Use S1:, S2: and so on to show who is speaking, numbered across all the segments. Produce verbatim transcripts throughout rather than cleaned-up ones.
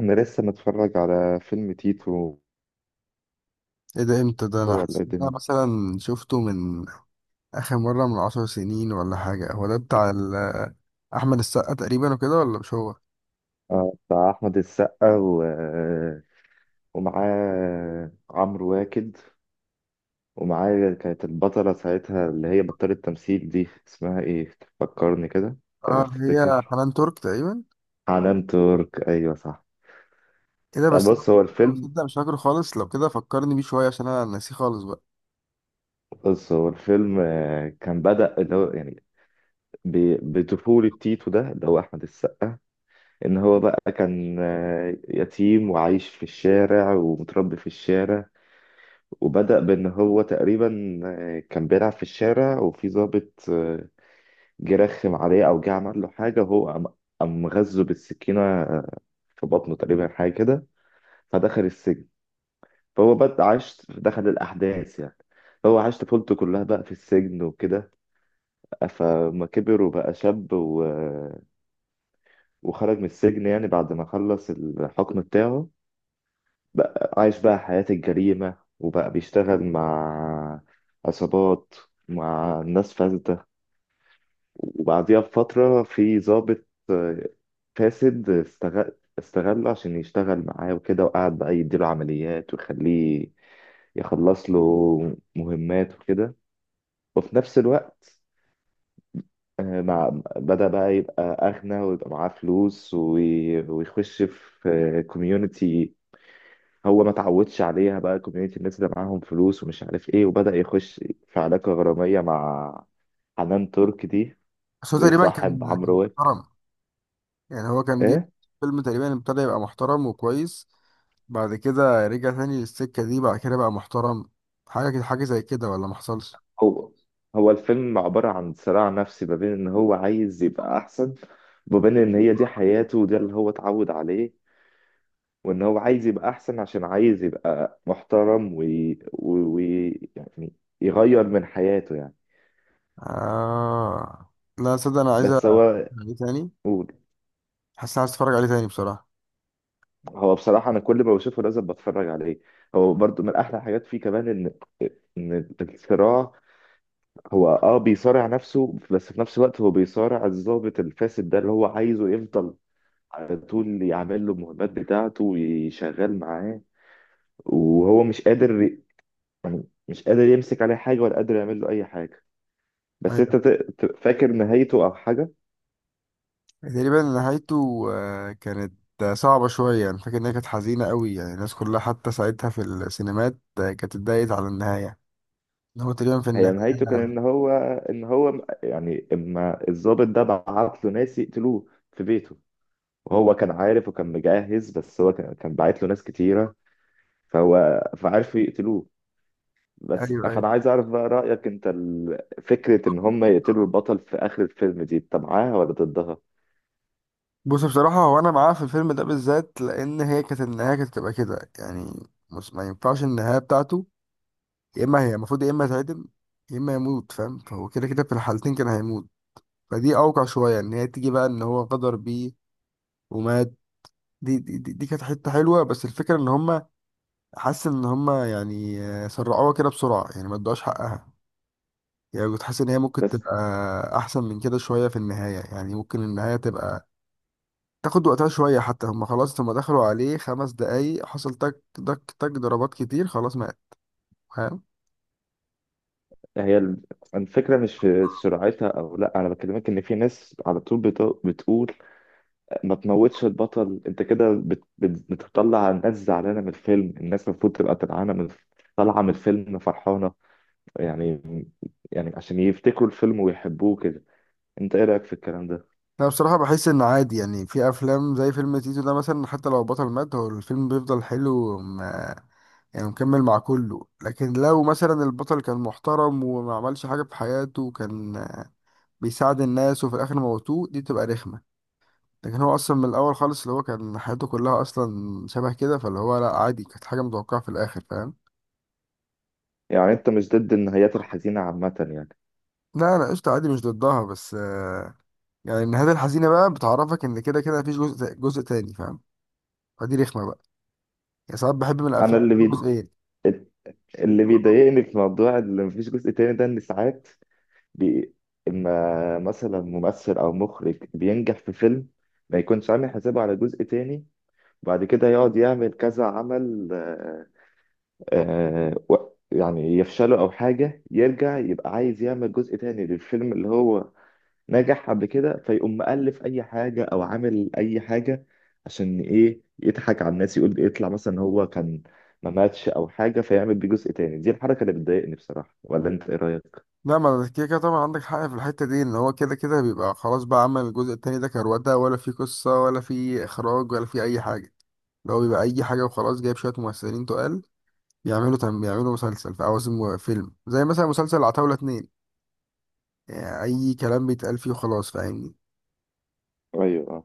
S1: انا لسه متفرج على فيلم تيتو،
S2: ايه ده، امتى ده؟ انا
S1: ولا
S2: حاسس
S1: إيه
S2: إن انا
S1: الدنيا؟
S2: مثلا شفته من اخر مرة من عشر سنين ولا حاجة. هو ده بتاع ال- احمد السقا تقريبا وكده، ولا مش هو؟
S1: آه، بتاع احمد السقا، و... ومعاه عمرو واكد. ومعاه كانت البطلة ساعتها، اللي هي بطلة تمثيل دي، اسمها ايه؟ تفكرني كده؟
S2: اه،
S1: تعرف
S2: اللي هي
S1: تفتكر؟
S2: حنان ترك تقريبا.
S1: حنان ترك، ايوه صح.
S2: ايه ده؟
S1: لا،
S2: بس أنا
S1: بص
S2: مش
S1: هو
S2: فاكره،
S1: الفيلم
S2: تصدق مش فاكره خالص. لو كده فكرني بيه شوية عشان انا ناسيه خالص بقى.
S1: بص هو الفيلم آه، كان بدأ اللي هو يعني ب- بطفولة تيتو ده اللي هو أحمد السقا. إن هو بقى كان آه، يتيم وعايش في الشارع ومتربي في الشارع. وبدأ بإن هو تقريبا آه، كان بيلعب في الشارع، وفي ضابط آه، جه رخم عليه، أو جه عمل له حاجة، وهو قام قام غزه بالسكينة، آه، في بطنه تقريبا، حاجة كده. فدخل السجن. فهو بدأ عاش دخل الأحداث يعني. هو عاش طفولته كلها بقى في السجن وكده. فما كبر وبقى شاب و... وخرج من السجن يعني بعد ما خلص الحكم بتاعه. بقى عايش بقى حياة الجريمة، وبقى بيشتغل مع عصابات، مع ناس فاسدة. وبعديها بفترة في ضابط آه، فاسد، استغل استغله عشان يشتغل معاه وكده، وقعد بقى يديله عمليات ويخليه يخلص له مهمات وكده. وفي نفس الوقت، آه، مع بدأ بقى يبقى أغنى، ويبقى معاه فلوس، وي- ويخش في كوميونتي هو ما اتعودش عليها، بقى كوميونتي الناس اللي معاهم فلوس ومش عارف ايه، وبدأ يخش في علاقة غرامية مع حنان ترك دي،
S2: بس هو تقريبا
S1: ويصاحب
S2: كان كان
S1: عمرو واك.
S2: محترم، يعني هو كان جه
S1: ايه؟
S2: فيلم تقريبا ابتدى يبقى محترم وكويس، بعد كده رجع تاني للسكة دي، بعد كده بقى محترم حاجة كده، حاجة زي كده، ولا محصلش؟
S1: هو هو الفيلم عبارة عن صراع نفسي، ما بين ان هو عايز يبقى احسن، وما بين ان هي دي حياته وده اللي هو اتعود عليه، وان هو عايز يبقى احسن عشان عايز يبقى محترم، وي... وي... يعني يغير من حياته يعني.
S2: آه. لا صدق، انا عايز
S1: بس
S2: أ-
S1: هو
S2: ايه تاني،
S1: قول.
S2: حاسس اني عايز اتفرج عليه تاني بصراحة.
S1: هو بصراحة أنا كل ما بشوفه لازم بتفرج عليه. هو برضو من أحلى الحاجات فيه كمان إن إن الصراع، هو أه بيصارع نفسه، بس في نفس الوقت هو بيصارع الضابط الفاسد ده اللي هو عايزه يفضل على طول يعمل له المهمات بتاعته ويشغل معاه، وهو مش قادر يعني مش قادر يمسك عليه حاجة ولا قادر يعمل له أي حاجة. بس
S2: ايوه،
S1: أنت ت- ت- فاكر نهايته أو حاجة؟
S2: تقريبا نهايته آه، كانت آه، صعبة شوية، يعني فاكر انها كانت حزينة قوي. يعني الناس كلها حتى ساعتها في السينمات آه، كانت اتضايقت على النهاية، ان هو تقريبا في
S1: هي نهايته كان إن
S2: النهاية.
S1: هو إن هو يعني إما الضابط ده بعت له ناس يقتلوه في بيته، وهو كان عارف وكان مجهز، بس هو كان كان باعت له ناس كتيرة، فهو فعرفوا يقتلوه. بس
S2: ايوه ايوه،
S1: فأنا عايز أعرف بقى رأيك أنت، ال- فكرة إن هم يقتلوا البطل في آخر الفيلم دي أنت معاها ولا ضدها؟
S2: بص بصراحة هو انا معاه في الفيلم ده بالذات، لان هي كانت النهاية كانت تبقى كده يعني، مش ما ينفعش النهاية بتاعته. يا اما هي المفروض يا اما يتعدم، يا اما يموت، فاهم؟ فهو كده كده في الحالتين كان هيموت. فدي اوقع شوية، ان هي تيجي بقى ان هو غدر بيه ومات. دي دي, دي دي كانت حته حلوه، بس الفكره ان هم، حاسس ان هم يعني آه، سرعوها كده بسرعه، يعني ما ادوهاش حقها. يعني كنت حاسس ان هي ممكن
S1: بس
S2: تبقى احسن من كده شويه في النهايه، يعني ممكن النهايه تبقى تاخد وقتها شويه. حتى هم خلاص لما دخلوا عليه خمس دقايق حصل تك تك تك، ضربات كتير خلاص مات، فاهم؟
S1: هي ال- الفكرة مش في سرعتها أو لأ. أنا بكلمك إن في ناس على طول بت- بتقول ما تموتش البطل. أنت كده بت- بت- بتطلع الناس زعلانة من الفيلم، الناس المفروض تبقى طالعانة من طالعة من الفيلم فرحانة يعني يعني عشان يفتكروا الفيلم ويحبوه كده. انت ايه رايك في الكلام ده؟
S2: انا بصراحه بحس ان عادي. يعني في افلام زي فيلم تيتو ده مثلا، حتى لو البطل مات هو الفيلم بيفضل حلو، يعني مكمل مع كله. لكن لو مثلا البطل كان محترم وما عملش حاجة في حياته، وكان آه، بيساعد الناس، وفي الآخر موتوه، دي تبقى رخمة. لكن هو أصلا من الأول خالص اللي هو كان حياته كلها أصلا شبه كده، فاللي هو لأ عادي، كانت حاجة متوقعة في الآخر، فاهم؟
S1: يعني انت مش ضد النهايات الحزينه عامه يعني؟
S2: لا، أنا قشطة عادي، مش ضدها، بس آه، يعني النهاية الحزينة بقى بتعرفك إن كده كده مفيش جزء جزء تاني، فاهم؟ فدي رخمة بقى. يعني ساعات بحب من
S1: انا
S2: الأفلام
S1: اللي
S2: يكون
S1: بي...
S2: جزئين.
S1: اللي بيضايقني في موضوع اللي مفيش جزء تاني ده، ان ساعات بي... اما مثلا ممثل او مخرج بينجح في فيلم، ما يكونش عامل حسابه على جزء تاني. بعد كده يقعد يعمل كذا عمل، آه... آه... و... يعني يفشله او حاجه يرجع يبقى عايز يعمل جزء تاني للفيلم اللي هو نجح قبل كده، فيقوم مألف أي حاجة أو عامل أي حاجة عشان إيه؟ يضحك على الناس، يقول يطلع مثلا إن هو كان ما ماتش أو حاجة فيعمل بيه جزء تاني. دي الحركة اللي بتضايقني بصراحة، ولا أنت إيه رأيك؟
S2: لا، ما أنا كده كده طبعا عندك حق في الحتة دي، ان هو كده كده بيبقى خلاص. بقى عمل الجزء التاني ده كروتة، ولا في قصة ولا في اخراج ولا في اي حاجة، اللي هو بيبقى اي حاجة وخلاص. جايب شوية ممثلين تقال، بيعملوا تم، بيعملوا مسلسل في عوازم فيلم، زي مثلا مسلسل عتاولة اتنين، يعني اي كلام بيتقال فيه وخلاص، فاهمني؟
S1: ايوه، اه.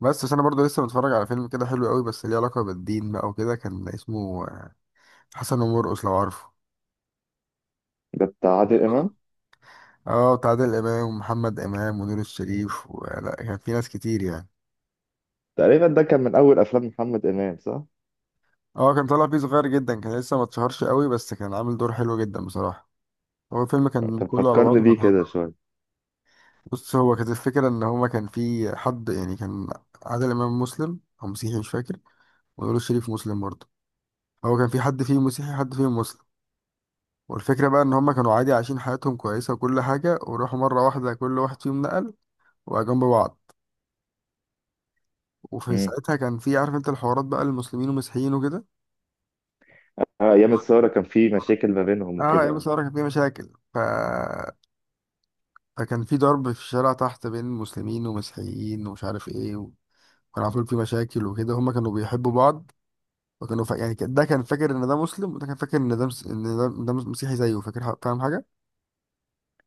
S2: بس بس انا برضو لسه متفرج على فيلم كده حلو قوي، بس ليه علاقة بالدين بقى وكده، كان اسمه آه، حسن ومرقص، لو عارفه.
S1: ده بتاع عادل امام.
S2: اه، بتاع عادل امام ومحمد امام ونور الشريف، ولا كان في ناس كتير يعني.
S1: تقريبا ده كان من أول أفلام محمد إمام صح؟
S2: اه، كان طالع فيه صغير جدا، كان لسه ما اتشهرش قوي، بس كان عامل دور حلو جدا بصراحة. هو الفيلم كان
S1: كان
S2: كله على
S1: فكرني
S2: بعضه كان
S1: بيه
S2: حلو.
S1: كده شوية.
S2: بص، هو كانت الفكرة ان هما، كان في حد يعني، كان عادل امام مسلم او مسيحي مش فاكر، ونقول الشريف مسلم برضه. هو كان في حد فيهم مسيحي، حد فيهم مسلم. والفكرة بقى ان هما كانوا عادي عايشين حياتهم كويسة وكل حاجة، وراحوا مرة واحدة كل واحد فيهم نقل، وبقى جنب بعض. وفي
S1: امم.
S2: ساعتها كان في، عارف انت الحوارات بقى المسلمين والمسيحيين وكده.
S1: آه، أيام الثورة كان في مشاكل ما بينهم
S2: اه، يا
S1: وكده.
S2: مسيحيين كان في مشاكل، ف فكان في ضرب في الشارع تحت بين مسلمين ومسيحيين، ومش عارف ايه، و... وكان على طول في مشاكل وكده. هما كانوا بيحبوا بعض، وكانوا ف... يعني كان- ده كان فاكر ان ده مسلم، وده كان فاكر ان ده مس... ان ده, ده مس- مسيحي زيه، فاكر ح- فاهم حاجه؟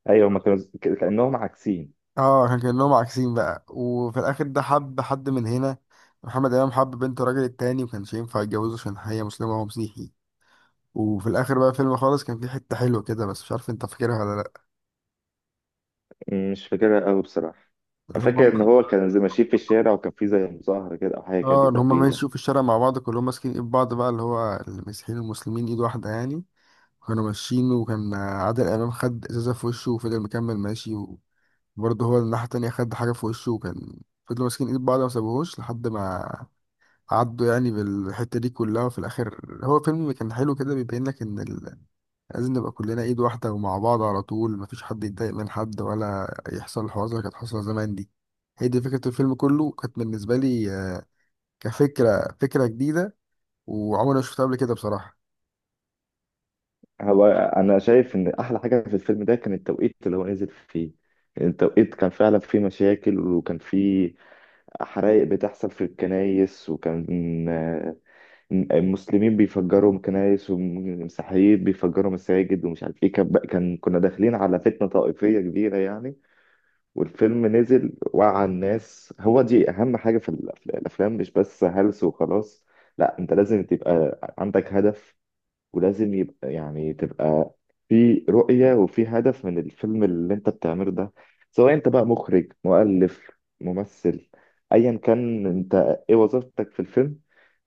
S1: أيوة، هما كانوا ك- كأنهم عاكسين.
S2: اه، كان كانهم عاكسين بقى. وفي الاخر ده حب حد من هنا، محمد امام حب بنت الراجل التاني وكانش ينفع يتجوزه عشان هي مسلمه وهو مسيحي. وفي الاخر بقى فيلم خالص كان فيه حته حلوه كده، بس مش عارف انت فاكرها ولا لا،
S1: مم، مش فاكرها أوي بصراحة.
S2: اللي
S1: أنا فاكر
S2: هم.
S1: إن هو كان زي ماشيين في الشارع، وكان في زي مظاهرة كده أو حاجة كده
S2: اه، ان هم
S1: تقريبا.
S2: ماشيوا في الشارع مع بعض كلهم ماسكين ايد بعض بقى، اللي هو المسيحيين والمسلمين ايد واحده يعني. كانوا ماشيين، وكان عادل امام خد ازازه في وشه وفضل مكمل ماشي، وبرضه هو الناحيه التانية خد حاجه في وشه، وكان فضلوا ماسكين ايد بعض، ما سابوهوش لحد ما عدوا يعني بالحته دي كلها. وفي الاخر هو فيلم كان حلو كده، بيبين لك ان ال... لازم نبقى كلنا ايد واحده ومع بعض على طول، مفيش حد يتضايق من حد، ولا يحصل الحوارات اللي كانت حاصله زمان دي. هي دي فكره الفيلم كله كانت بالنسبه لي، آه، كفكره فكره جديده، وعمري ما شفتها قبل كده بصراحه.
S1: هو انا شايف ان احلى حاجه في الفيلم ده كان التوقيت اللي هو نزل فيه. يعني التوقيت كان فعلا فيه مشاكل، وكان فيه حرائق بتحصل في الكنايس، وكان آه، المسلمين بيفجروا كنايس والمسيحيين بيفجروا مساجد ومش عارف ايه، كان بقى- كان كنا داخلين على فتنه طائفيه كبيره يعني. والفيلم نزل وعى الناس. هو دي اهم حاجه في الأف- الافلام، مش بس هلس وخلاص. لا، انت لازم تبقى عندك هدف، ولازم يبقى يعني تبقى في رؤية وفي هدف من الفيلم اللي انت بتعمله ده. سواء انت بقى مخرج، مؤلف، ممثل، ايا كان انت ايه وظيفتك في الفيلم،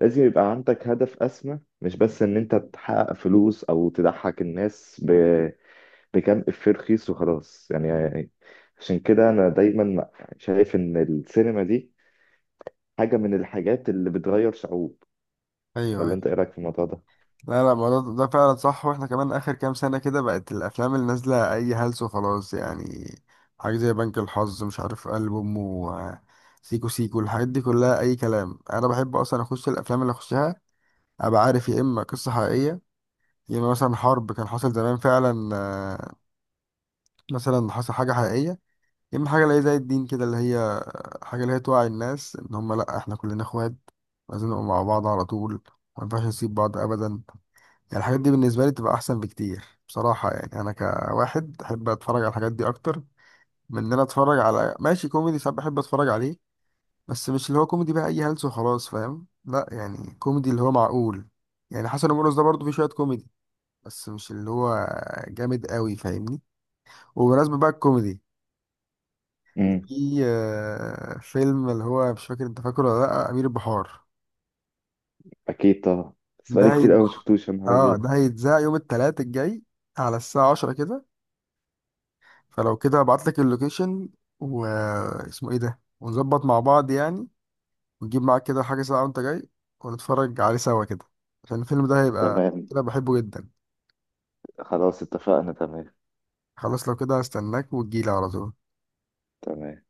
S1: لازم يبقى عندك هدف اسمى، مش بس ان انت تحقق فلوس او تضحك الناس ب... بكام افيه رخيص وخلاص يعني. عشان كده انا دايما شايف ان السينما دي حاجة من الحاجات اللي بتغير شعوب.
S2: ايوه
S1: ولا
S2: ايوه.
S1: انت ايه رأيك في الموضوع ده؟
S2: لا لا، ما ده, ده فعلا صح. واحنا كمان اخر كام سنة كده بقت الافلام اللي نازلة اي هلس وخلاص، يعني حاجة زي بنك الحظ، مش عارف قلب امه، آه، سيكو سيكو، الحاجات دي كلها اي كلام. انا بحب اصلا اخش الافلام اللي اخشها ابقى عارف، يا اما قصة حقيقية، يا اما مثلا حرب كان حصل زمان فعلا، آه، مثلا حصل حاجة حقيقية، يا اما حاجة اللي هي زي الدين كده، اللي هي حاجة اللي هي توعي الناس ان هم لا، احنا كلنا اخوات، لازم نبقى مع بعض على طول، ما ينفعش نسيب بعض ابدا. يعني الحاجات دي بالنسبة لي بتبقى أحسن بكتير بصراحة. يعني أنا كواحد أحب أتفرج على الحاجات دي أكتر من إن أنا أتفرج على ماشي. كوميدي ساعات بحب أتفرج عليه، بس مش اللي هو كوميدي بقى أي هلس وخلاص، فاهم؟ لا، يعني كوميدي اللي هو معقول. يعني حسن ومرقص ده برضه فيه شوية كوميدي، بس مش اللي هو جامد قوي، فاهمني؟ وبمناسبة بقى الكوميدي، في آه، فيلم، اللي هو مش فاكر أنت فاكره ولا لأ، أمير البحار.
S1: اكيد طبعا. بس
S2: ده
S1: بقالي
S2: هيت...
S1: كتير قوي ما شفتوش، يا نهار
S2: آه،
S1: ابيض.
S2: ده هيتذاع يوم التلات الجاي على الساعة عشرة كده. فلو كده ابعت لك اللوكيشن واسمه ايه ده، ونظبط مع بعض يعني، ونجيب معاك كده حاجة ساعة وانت جاي، ونتفرج عليه سوا كده، عشان الفيلم ده هيبقى
S1: تمام.
S2: كده بحبه جدا.
S1: خلاص اتفقنا، تمام.
S2: خلاص، لو كده هستناك وتجيلي على طول.
S1: تمام.